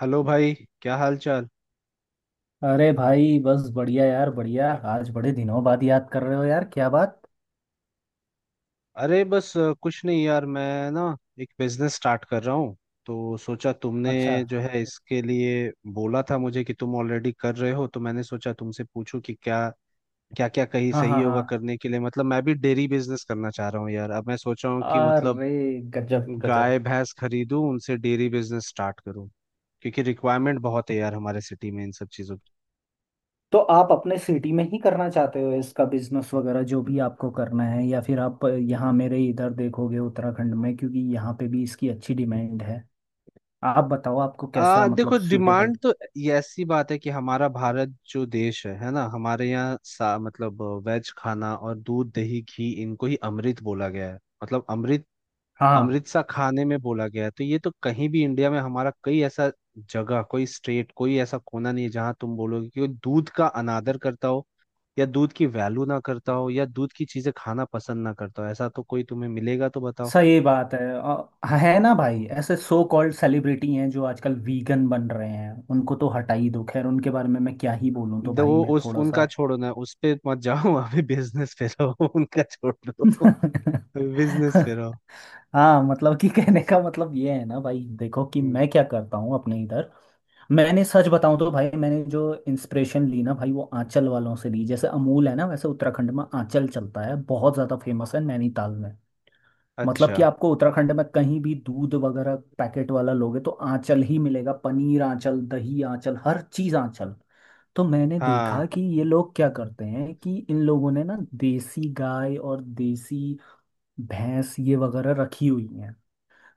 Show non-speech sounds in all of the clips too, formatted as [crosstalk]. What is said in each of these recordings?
Hello भाई। क्या हाल चाल। अरे भाई, बस बढ़िया यार, बढ़िया। आज बड़े दिनों बाद याद कर रहे हो यार, क्या बात। अरे बस कुछ नहीं यार। मैं ना एक बिजनेस स्टार्ट कर रहा हूँ। तो सोचा तुमने अच्छा। जो है इसके लिए बोला था मुझे कि तुम ऑलरेडी कर रहे हो, तो मैंने सोचा तुमसे पूछूं कि क्या क्या क्या कहीं हाँ, सही हाँ, होगा हाँ। करने के लिए। मतलब मैं भी डेयरी बिजनेस करना चाह रहा हूँ यार। अब मैं सोच रहा हूँ कि मतलब अरे गजब, गजब। गाय भैंस खरीदूं, उनसे डेयरी बिजनेस स्टार्ट करूँ। क्योंकि रिक्वायरमेंट बहुत है यार हमारे सिटी में इन सब चीज़ों। तो आप अपने सिटी में ही करना चाहते हो इसका बिजनेस वगैरह, जो भी आपको करना है, या फिर आप यहाँ मेरे इधर देखोगे उत्तराखंड में, क्योंकि यहाँ पे भी इसकी अच्छी डिमांड है। आप बताओ आपको कैसा देखो मतलब सूटेबल। डिमांड तो, ये ऐसी बात है कि हमारा भारत जो देश है ना, हमारे यहाँ सा मतलब वेज खाना और दूध दही घी, इनको ही अमृत बोला गया है। मतलब अमृत, हाँ, अमृत सा खाने में बोला गया है। तो ये तो कहीं भी इंडिया में हमारा, कई ऐसा जगह कोई स्टेट कोई ऐसा कोना नहीं है जहाँ तुम बोलोगे कि दूध का अनादर करता हो या दूध की वैल्यू ना करता हो या दूध की चीजें खाना पसंद ना करता हो। ऐसा तो कोई तुम्हें मिलेगा तो बताओ। सही बात है। है ना भाई, ऐसे सो कॉल्ड सेलिब्रिटी हैं जो आजकल वीगन बन रहे हैं, उनको तो हटा ही दो, खैर उनके बारे में मैं क्या ही बोलूं। तो दो भाई वो मैं उस थोड़ा उनका सा छोड़ो ना, उस पे मत जाओ। [laughs] अभी बिजनेस पे रहो। [laughs] उनका छोड़ दो, [laughs] बिजनेस पे रहो। हाँ, मतलब कि कहने का मतलब ये है ना भाई, देखो कि हम्म। मैं क्या करता हूँ अपने इधर। मैंने सच बताऊं तो भाई, मैंने जो इंस्पिरेशन ली ना भाई, वो आंचल वालों से ली। जैसे अमूल है ना, वैसे उत्तराखंड में आंचल चलता है, बहुत ज़्यादा फेमस है नैनीताल में। मतलब अच्छा। कि आपको उत्तराखंड में कहीं भी दूध वगैरह पैकेट वाला लोगे तो आंचल ही मिलेगा, पनीर आंचल, दही आंचल, हर चीज आंचल। तो मैंने देखा हाँ। कि ये लोग क्या करते हैं, कि इन लोगों ने ना देसी गाय और देसी भैंस ये वगैरह रखी हुई हैं।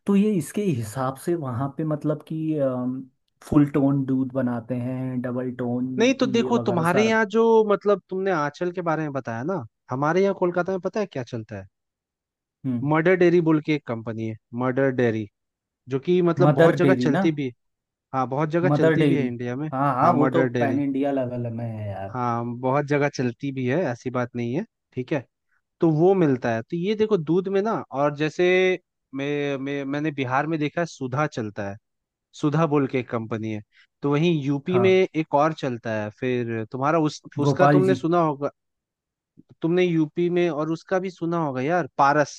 तो ये इसके हिसाब से वहां पे मतलब कि फुल टोन दूध बनाते हैं, डबल टोन, नहीं तो ये देखो वगैरह तुम्हारे सारा। यहाँ जो, मतलब तुमने आंचल के बारे में बताया ना, हमारे यहाँ कोलकाता में पता है क्या चलता है? हम्म। मर्डर डेयरी बोल के एक कंपनी है, मर्डर डेयरी, जो कि मतलब बहुत मदर जगह डेयरी ना। चलती भी है। हाँ बहुत जगह मदर चलती भी है डेयरी। इंडिया में। हाँ, हाँ, हाँ वो तो mother pan dairy. India level में है यार। हाँ बहुत जगह चलती भी है, ऐसी बात नहीं है। ठीक है। तो वो मिलता है। तो ये देखो दूध में ना, और जैसे मैंने बिहार में देखा है, सुधा चलता है। सुधा बोल के एक कंपनी है। तो वहीं यूपी में हाँ, एक और चलता है, फिर तुम्हारा उस उसका गोपाल तुमने जी। सुना होगा। तुमने यूपी में और उसका भी सुना होगा यार, पारस।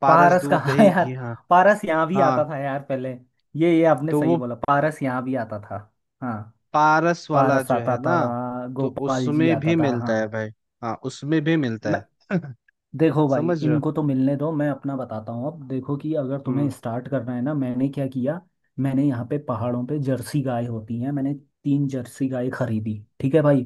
पारस पारस का दूध हाँ दही यार, घी। हाँ पारस यहाँ भी आता हाँ। था यार पहले। ये आपने तो सही वो बोला, पारस यहाँ भी आता था। हाँ, पारस वाला पारस जो आता है ना, था, तो गोपाल जी उसमें आता भी था मिलता है हाँ। भाई। हाँ उसमें भी मिलता मैं। है। देखो भाई, समझ रहे हो। इनको तो मिलने दो, मैं अपना बताता हूँ। अब देखो कि अगर तुम्हें हम्म। स्टार्ट करना है ना, मैंने क्या किया। मैंने यहाँ पे पहाड़ों पे जर्सी गाय होती हैं, मैंने तीन जर्सी गाय खरीदी, ठीक है भाई।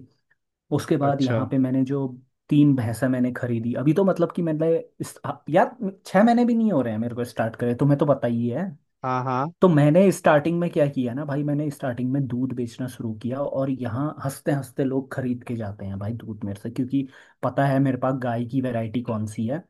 उसके बाद अच्छा। यहाँ पे मैंने जो तीन भैंसा मैंने खरीदी, अभी तो मतलब कि मैंने हाँ, यार, 6 महीने भी नहीं हो रहे हैं मेरे को स्टार्ट करे, तुम्हें तो पता ही है। हाँ। हाँ। तो मैंने स्टार्टिंग में क्या किया ना भाई, मैंने स्टार्टिंग में दूध बेचना शुरू किया, और यहाँ हंसते हंसते लोग खरीद के जाते हैं भाई दूध मेरे से, क्योंकि पता है मेरे पास गाय की वैरायटी कौन सी है।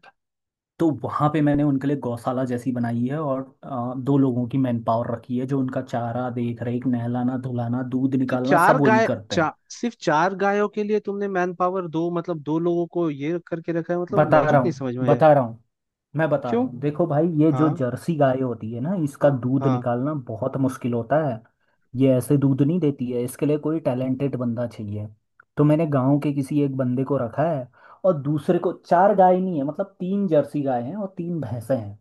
तो वहाँ पे मैंने उनके लिए गौशाला जैसी बनाई है, और दो लोगों की मैन पावर रखी है, जो उनका चारा, देख रेख, नहलाना, धुलाना, दूध तो निकालना, सब वही करते हैं। सिर्फ चार गायों के लिए तुमने मैन पावर दो, मतलब दो लोगों को ये करके रखा है, मतलब बता रहा लॉजिक नहीं हूँ, समझ में आया। बता रहा हूँ। मैं बता रहा क्यों। हूँ, देखो भाई ये जो हाँ। जर्सी गाय होती है ना, इसका दूध हाँ। निकालना बहुत मुश्किल होता है। ये ऐसे दूध नहीं देती है, इसके लिए कोई टैलेंटेड बंदा चाहिए। तो मैंने गांव के किसी एक बंदे को रखा है। और दूसरे को, चार गाय नहीं है, मतलब तीन जर्सी गाय हैं और तीन भैंसें हैं।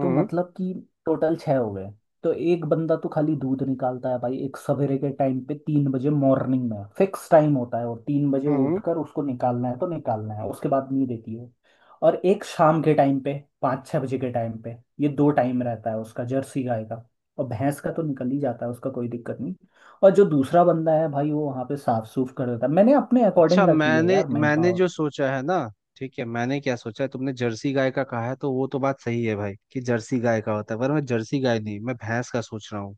तो मतलब कि टोटल छः हो गए। तो एक बंदा तो खाली दूध निकालता है भाई, एक सवेरे के टाइम पे, 3 बजे मॉर्निंग में फिक्स टाइम होता है, और 3 बजे हम्म। उठकर उसको निकालना है तो निकालना है, उसके बाद नहीं देती है। और एक शाम के टाइम पे, 5-6 बजे के टाइम पे, ये दो टाइम रहता है उसका जर्सी गाय का। और भैंस का तो निकल ही जाता है उसका, कोई दिक्कत नहीं। और जो दूसरा बंदा है भाई, वो वहाँ पे साफ सूफ कर देता है, मैंने अपने अच्छा। अकॉर्डिंग रखी है मैंने यार मैन मैंने पावर। जो सोचा है ना, ठीक है, मैंने क्या सोचा है, तुमने जर्सी गाय का कहा है तो वो तो बात सही है भाई कि जर्सी गाय का होता है, पर मैं जर्सी गाय नहीं, मैं भैंस का सोच रहा हूँ।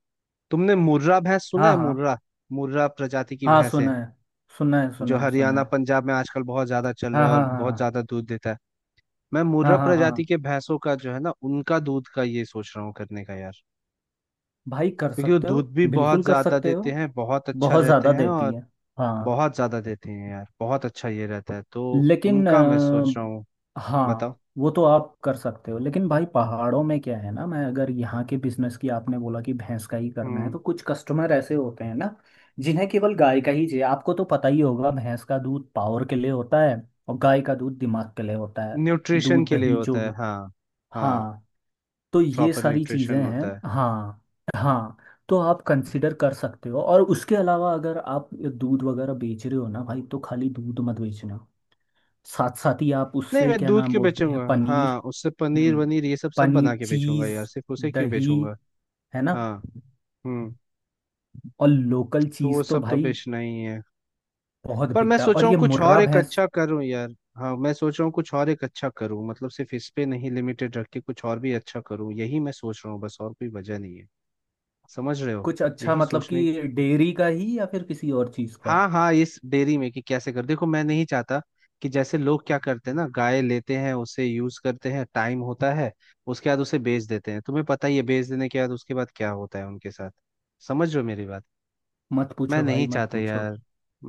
तुमने मुर्रा भैंस सुना हाँ, है, हाँ, मुर्रा? मुर्रा प्रजाति की हाँ। भैंस है सुना है, सुना है, सुना जो है, सुना हरियाणा है। पंजाब में आजकल बहुत ज्यादा चल रहा हाँ, है हाँ, और हाँ, बहुत हाँ, ज्यादा दूध देता है। मैं हाँ, मुर्रा हाँ, हाँ प्रजाति के भैंसों का जो है ना, उनका दूध का ये सोच रहा हूँ करने का यार। भाई, कर क्योंकि वो सकते हो। दूध भी बिल्कुल बहुत कर ज्यादा सकते हो, देते हैं, बहुत अच्छा बहुत रहते ज़्यादा हैं देती और है, हाँ। बहुत ज्यादा देते हैं यार, बहुत अच्छा ये रहता है तो। लेकिन उनका मैं सोच रहा हूँ। हाँ, बताओ। वो तो आप कर सकते हो, लेकिन भाई पहाड़ों में क्या है ना, मैं अगर यहाँ के बिजनेस की, आपने बोला कि भैंस का ही करना है, हम्म। तो कुछ कस्टमर ऐसे होते हैं ना, जिन्हें केवल गाय का ही चाहिए। आपको तो पता ही होगा, भैंस का दूध पावर के लिए होता है। और गाय का दूध दिमाग के लिए होता है। न्यूट्रिशन दूध के लिए दही होता जो है, भी, हाँ। हाँ। हाँ। तो ये प्रॉपर सारी चीज़ें न्यूट्रिशन हैं। होता है। हाँ, हाँ। तो आप कंसिडर कर सकते हो, और उसके अलावा अगर आप दूध वगैरह बेच रहे हो ना भाई, तो खाली दूध मत बेचना। साथ साथ ही आप नहीं, उससे, मैं क्या दूध नाम क्यों बोलते बेचूंगा? हैं, पनीर। हाँ, उससे पनीर हम्म। वनीर ये सब सब पनीर, बना के बेचूंगा चीज़, यार, सिर्फ उसे क्यों दही, बेचूंगा? है ना। हाँ। हम्म। और लोकल तो वो चीज़ तो सब तो भाई बेचना ही है। बहुत पर मैं बिकता है, सोच और रहा हूँ ये कुछ और मुर्रा एक भैंस। अच्छा करूँ यार। हाँ मैं सोच रहा हूँ कुछ और एक अच्छा करूँ, मतलब सिर्फ इस पे नहीं लिमिटेड रख के कुछ और भी अच्छा करूँ, यही मैं सोच रहा हूँ, बस और कोई वजह नहीं है। समझ रहे हो। कुछ अच्छा यही मतलब सोचने। कि डेयरी का ही या फिर किसी और चीज़ का। हाँ हाँ, इस डेयरी में कि कैसे कर, देखो मैं नहीं चाहता कि जैसे लोग क्या करते हैं ना, गाय लेते हैं, उसे यूज करते हैं, टाइम होता है, उसके बाद उसे बेच देते हैं। तुम्हें पता ही है बेच देने के बाद उसके बाद क्या होता है उनके साथ। समझ रहे हो मेरी बात। मत मैं पूछो भाई, नहीं मत चाहता पूछो। यार।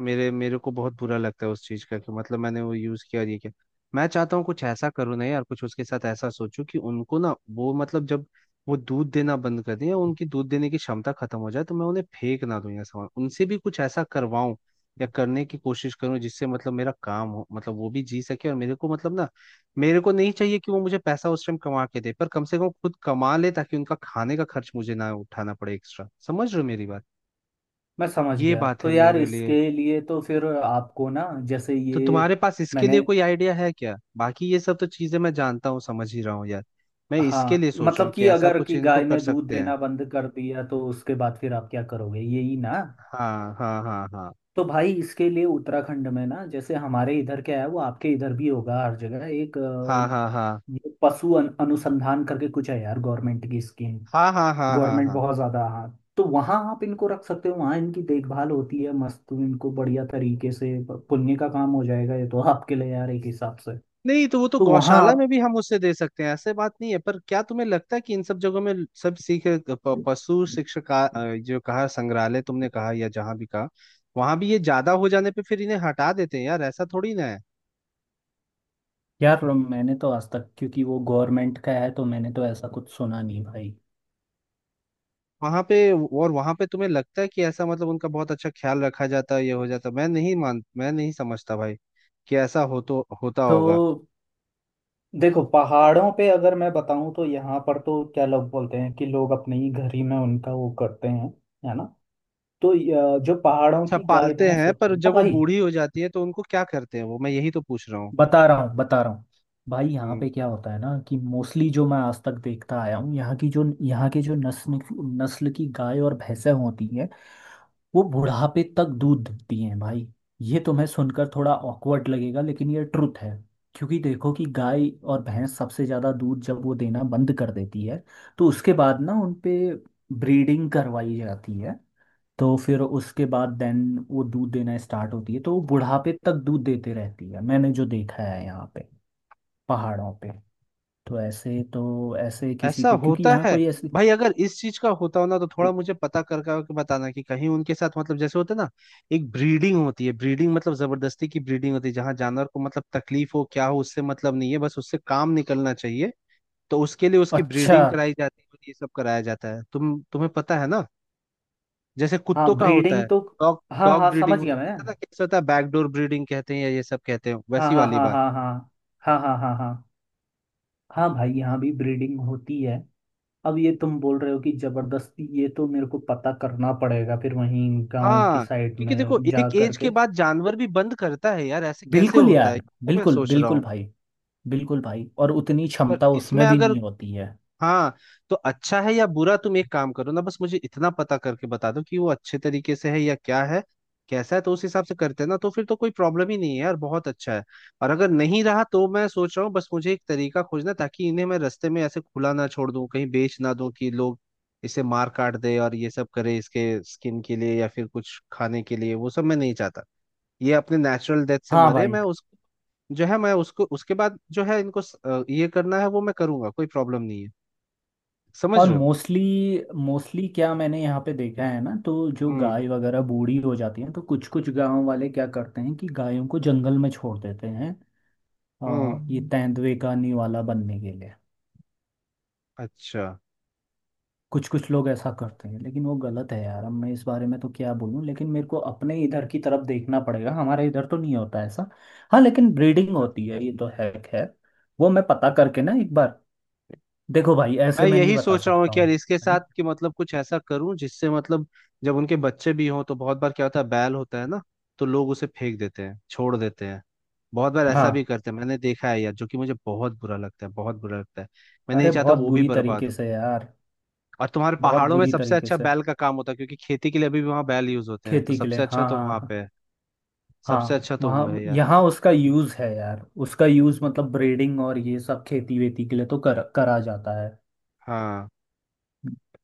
मेरे मेरे को बहुत बुरा लगता है उस चीज़ का, कि मतलब मैंने वो यूज़ किया और ये किया। मैं चाहता हूँ कुछ ऐसा करूँ ना यार, कुछ उसके साथ ऐसा सोचूं कि उनको ना, वो मतलब जब वो दूध देना बंद कर दें या उनकी दूध देने की क्षमता खत्म हो जाए तो मैं उन्हें फेंक ना दूं, या सामान उनसे भी कुछ ऐसा करवाऊं या करने की कोशिश करूं जिससे मतलब मेरा काम हो, मतलब वो भी जी सके और मेरे को मतलब ना, मेरे को नहीं चाहिए कि वो मुझे पैसा उस टाइम कमा के दे, पर कम से कम खुद कमा ले ताकि उनका खाने का खर्च मुझे ना उठाना पड़े एक्स्ट्रा। समझ रहे हो मेरी बात। मैं समझ ये गया। बात तो है यार मेरे लिए। इसके लिए तो फिर आपको ना, जैसे तो ये तुम्हारे पास इसके लिए मैंने, कोई आइडिया है क्या? बाकी ये सब तो चीजें मैं जानता हूँ, समझ ही रहा हूँ यार। मैं इसके हाँ, लिए सोच रहा मतलब हूँ कि कि ऐसा अगर कुछ कि इनको गाय कर ने दूध सकते हैं। देना बंद कर दिया तो उसके बाद फिर आप क्या करोगे, यही ना। हाँ, हाँ, हाँ, हाँ, तो भाई इसके लिए उत्तराखंड में ना, जैसे हमारे इधर क्या है, वो आपके इधर भी होगा हर जगह एक हाँ, हाँ, हाँ, ये पशु अनुसंधान करके कुछ है यार, गवर्नमेंट की स्कीम। हाँ, हाँ, हाँ, हाँ, गवर्नमेंट, हाँ। बहुत ज़्यादा, हाँ। तो वहाँ आप इनको रख सकते हो, वहाँ इनकी देखभाल होती है मस्त, इनको बढ़िया तरीके से पुण्य का काम हो जाएगा ये तो आपके लिए यार, एक हिसाब से। नहीं तो वो तो तो वहाँ गौशाला आप, में भी हम उसे दे सकते हैं, ऐसे बात नहीं है, पर क्या तुम्हें लगता है कि इन सब जगहों में, सब सीख पशु शिक्षक जो कहा, संग्रहालय तुमने कहा या जहाँ भी कहा, वहां भी ये ज्यादा हो जाने पे फिर इन्हें हटा देते हैं यार, ऐसा थोड़ी ना है। यार मैंने तो आज तक, क्योंकि वो गवर्नमेंट का है, तो मैंने तो ऐसा कुछ सुना नहीं भाई। वहां पे, और वहां पे तुम्हें लगता है कि ऐसा, मतलब उनका बहुत अच्छा ख्याल रखा जाता है ये हो जाता? मैं नहीं मान, मैं नहीं समझता भाई कि ऐसा हो तो होता तो होगा। देखो, पहाड़ों पे अगर मैं बताऊं तो यहाँ पर तो क्या लोग बोलते हैं, कि लोग अपने ही घर ही में उनका वो करते हैं। है ना। तो जो पहाड़ों अच्छा की गाय पालते भैंस हैं, होती पर है ना जब वो भाई, बूढ़ी हो जाती है तो उनको क्या करते हैं वो, मैं यही तो पूछ रहा हूँ। बता रहा हूँ, बता रहा हूँ। भाई, यहाँ हम्म। पे क्या होता है ना, कि मोस्टली जो मैं आज तक देखता आया हूँ, यहाँ की जो, यहाँ के जो नस्ल नस्ल की गाय और भैंसें होती हैं, वो बुढ़ापे तक दूध देती हैं भाई। ये तुम्हें सुनकर थोड़ा ऑकवर्ड लगेगा, लेकिन ये ट्रुथ है। क्योंकि देखो कि गाय और भैंस सबसे ज़्यादा दूध, जब वो देना बंद कर देती है तो उसके बाद ना उनपे ब्रीडिंग करवाई जाती है। तो फिर उसके बाद देन वो दूध देना स्टार्ट होती है, तो वो बुढ़ापे तक दूध देते रहती है, मैंने जो देखा है यहाँ पे पहाड़ों पे। तो ऐसे, तो ऐसे किसी ऐसा को, क्योंकि होता यहाँ है? कोई ऐसे, भाई अगर इस चीज का होता हो ना, तो थोड़ा मुझे पता कर करके बताना कि कहीं उनके साथ मतलब जैसे होता है ना, एक ब्रीडिंग होती है, ब्रीडिंग मतलब जबरदस्ती की ब्रीडिंग होती है, जहाँ जानवर को मतलब तकलीफ हो क्या हो उससे मतलब नहीं है, बस उससे काम निकलना चाहिए। तो उसके लिए उसकी अच्छा, ब्रीडिंग कराई जाती है, ये सब कराया जाता है, तुम्हें पता है ना। जैसे हाँ, कुत्तों का होता है, ब्रीडिंग तो, डॉग हाँ, डॉग हाँ ब्रीडिंग समझ होता गया है, मैं। पता है ना कैसे होता है, बैकडोर ब्रीडिंग कहते हैं या ये सब कहते हैं, हाँ, वैसी हाँ, वाली हाँ, बात। हाँ, हाँ, हाँ, हाँ, हाँ, हाँ। हाँ भाई, यहाँ भी ब्रीडिंग होती है। अब ये तुम बोल रहे हो कि जबरदस्ती, ये तो मेरे को पता करना पड़ेगा, फिर वहीं गांव की हाँ। साइड क्योंकि देखो में जा एक एज के करके। बाद जानवर भी बंद करता है यार, ऐसे कैसे बिल्कुल होता है ये। यार, तो मैं बिल्कुल, सोच रहा बिल्कुल हूँ, भाई, बिल्कुल भाई, और उतनी पर क्षमता इसमें उसमें भी अगर, नहीं होती है। हाँ तो अच्छा है या बुरा, तुम एक काम करो ना, बस मुझे इतना पता करके बता दो कि वो अच्छे तरीके से है या क्या है, कैसा है, तो उस हिसाब से करते हैं ना, तो फिर तो कोई प्रॉब्लम ही नहीं है यार, बहुत अच्छा है। और अगर नहीं रहा तो मैं सोच रहा हूँ, बस मुझे एक तरीका खोजना है, ताकि इन्हें मैं रास्ते में ऐसे खुला ना छोड़ दूँ, कहीं बेच ना दूँ कि लोग इसे मार काट दे और ये सब करे इसके स्किन के लिए या फिर कुछ खाने के लिए, वो सब मैं नहीं चाहता। ये अपने नेचुरल डेथ से हाँ मरे, भाई। मैं उस जो है, मैं उसको उसके बाद जो है इनको ये करना है वो मैं करूंगा, कोई प्रॉब्लम नहीं है। समझ और रहे हो। मोस्टली मोस्टली क्या मैंने यहाँ पे देखा है ना, तो जो हम्म। गाय वगैरह बूढ़ी हो जाती हैं, तो कुछ कुछ गांव वाले क्या करते हैं कि गायों को जंगल में छोड़ देते हैं, हम्म। और ये तेंदुए का निवाला बनने के लिए। अच्छा। कुछ कुछ लोग ऐसा करते हैं, लेकिन वो गलत है यार। अब मैं इस बारे में तो क्या बोलूँ, लेकिन मेरे को अपने इधर की तरफ देखना पड़ेगा, हमारे इधर तो नहीं होता ऐसा। हाँ, लेकिन ब्रीडिंग होती है ये तो है खैर। वो मैं पता करके ना एक बार। देखो भाई, मैं ऐसे मैं नहीं यही बता सोच रहा हूँ सकता कि हूँ। यार इसके है साथ ना। कि मतलब कुछ ऐसा करूं जिससे मतलब जब उनके बच्चे भी हों तो बहुत बार क्या होता है, बैल होता है ना, तो लोग उसे फेंक देते हैं, छोड़ देते हैं, बहुत बार हाँ, ऐसा भी करते हैं, मैंने देखा है यार, जो कि मुझे बहुत बुरा लगता है, बहुत बुरा लगता है। मैं नहीं अरे चाहता बहुत वो भी बुरी बर्बाद तरीके हो। से यार। और तुम्हारे बहुत पहाड़ों में बुरी सबसे तरीके अच्छा से, बैल का काम होता है क्योंकि खेती के लिए अभी भी वहाँ बैल यूज होते हैं, तो खेती के लिए, सबसे अच्छा हाँ, तो हाँ, वहाँ हाँ। पे है। सबसे हाँ, अच्छा तो वो वहाँ, है यार। यहाँ उसका यूज़ है यार, उसका यूज़ मतलब ब्रीडिंग और ये सब, खेती वेती के लिए तो कर करा जाता है। हाँ,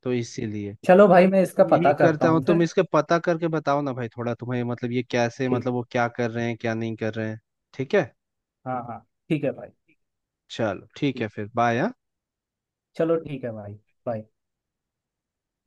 तो इसीलिए चलो भाई, मैं इसका पता यही करता करता हूँ, हूँ तुम फिर। इसके पता करके बताओ ना भाई, थोड़ा तुम्हें मतलब ये कैसे, ठीक। मतलब वो क्या कर रहे हैं क्या नहीं कर रहे हैं। ठीक है। हाँ, हाँ। ठीक है भाई। चलो ठीक है ठीक। फिर, बाय। चलो ठीक है भाई। बाय।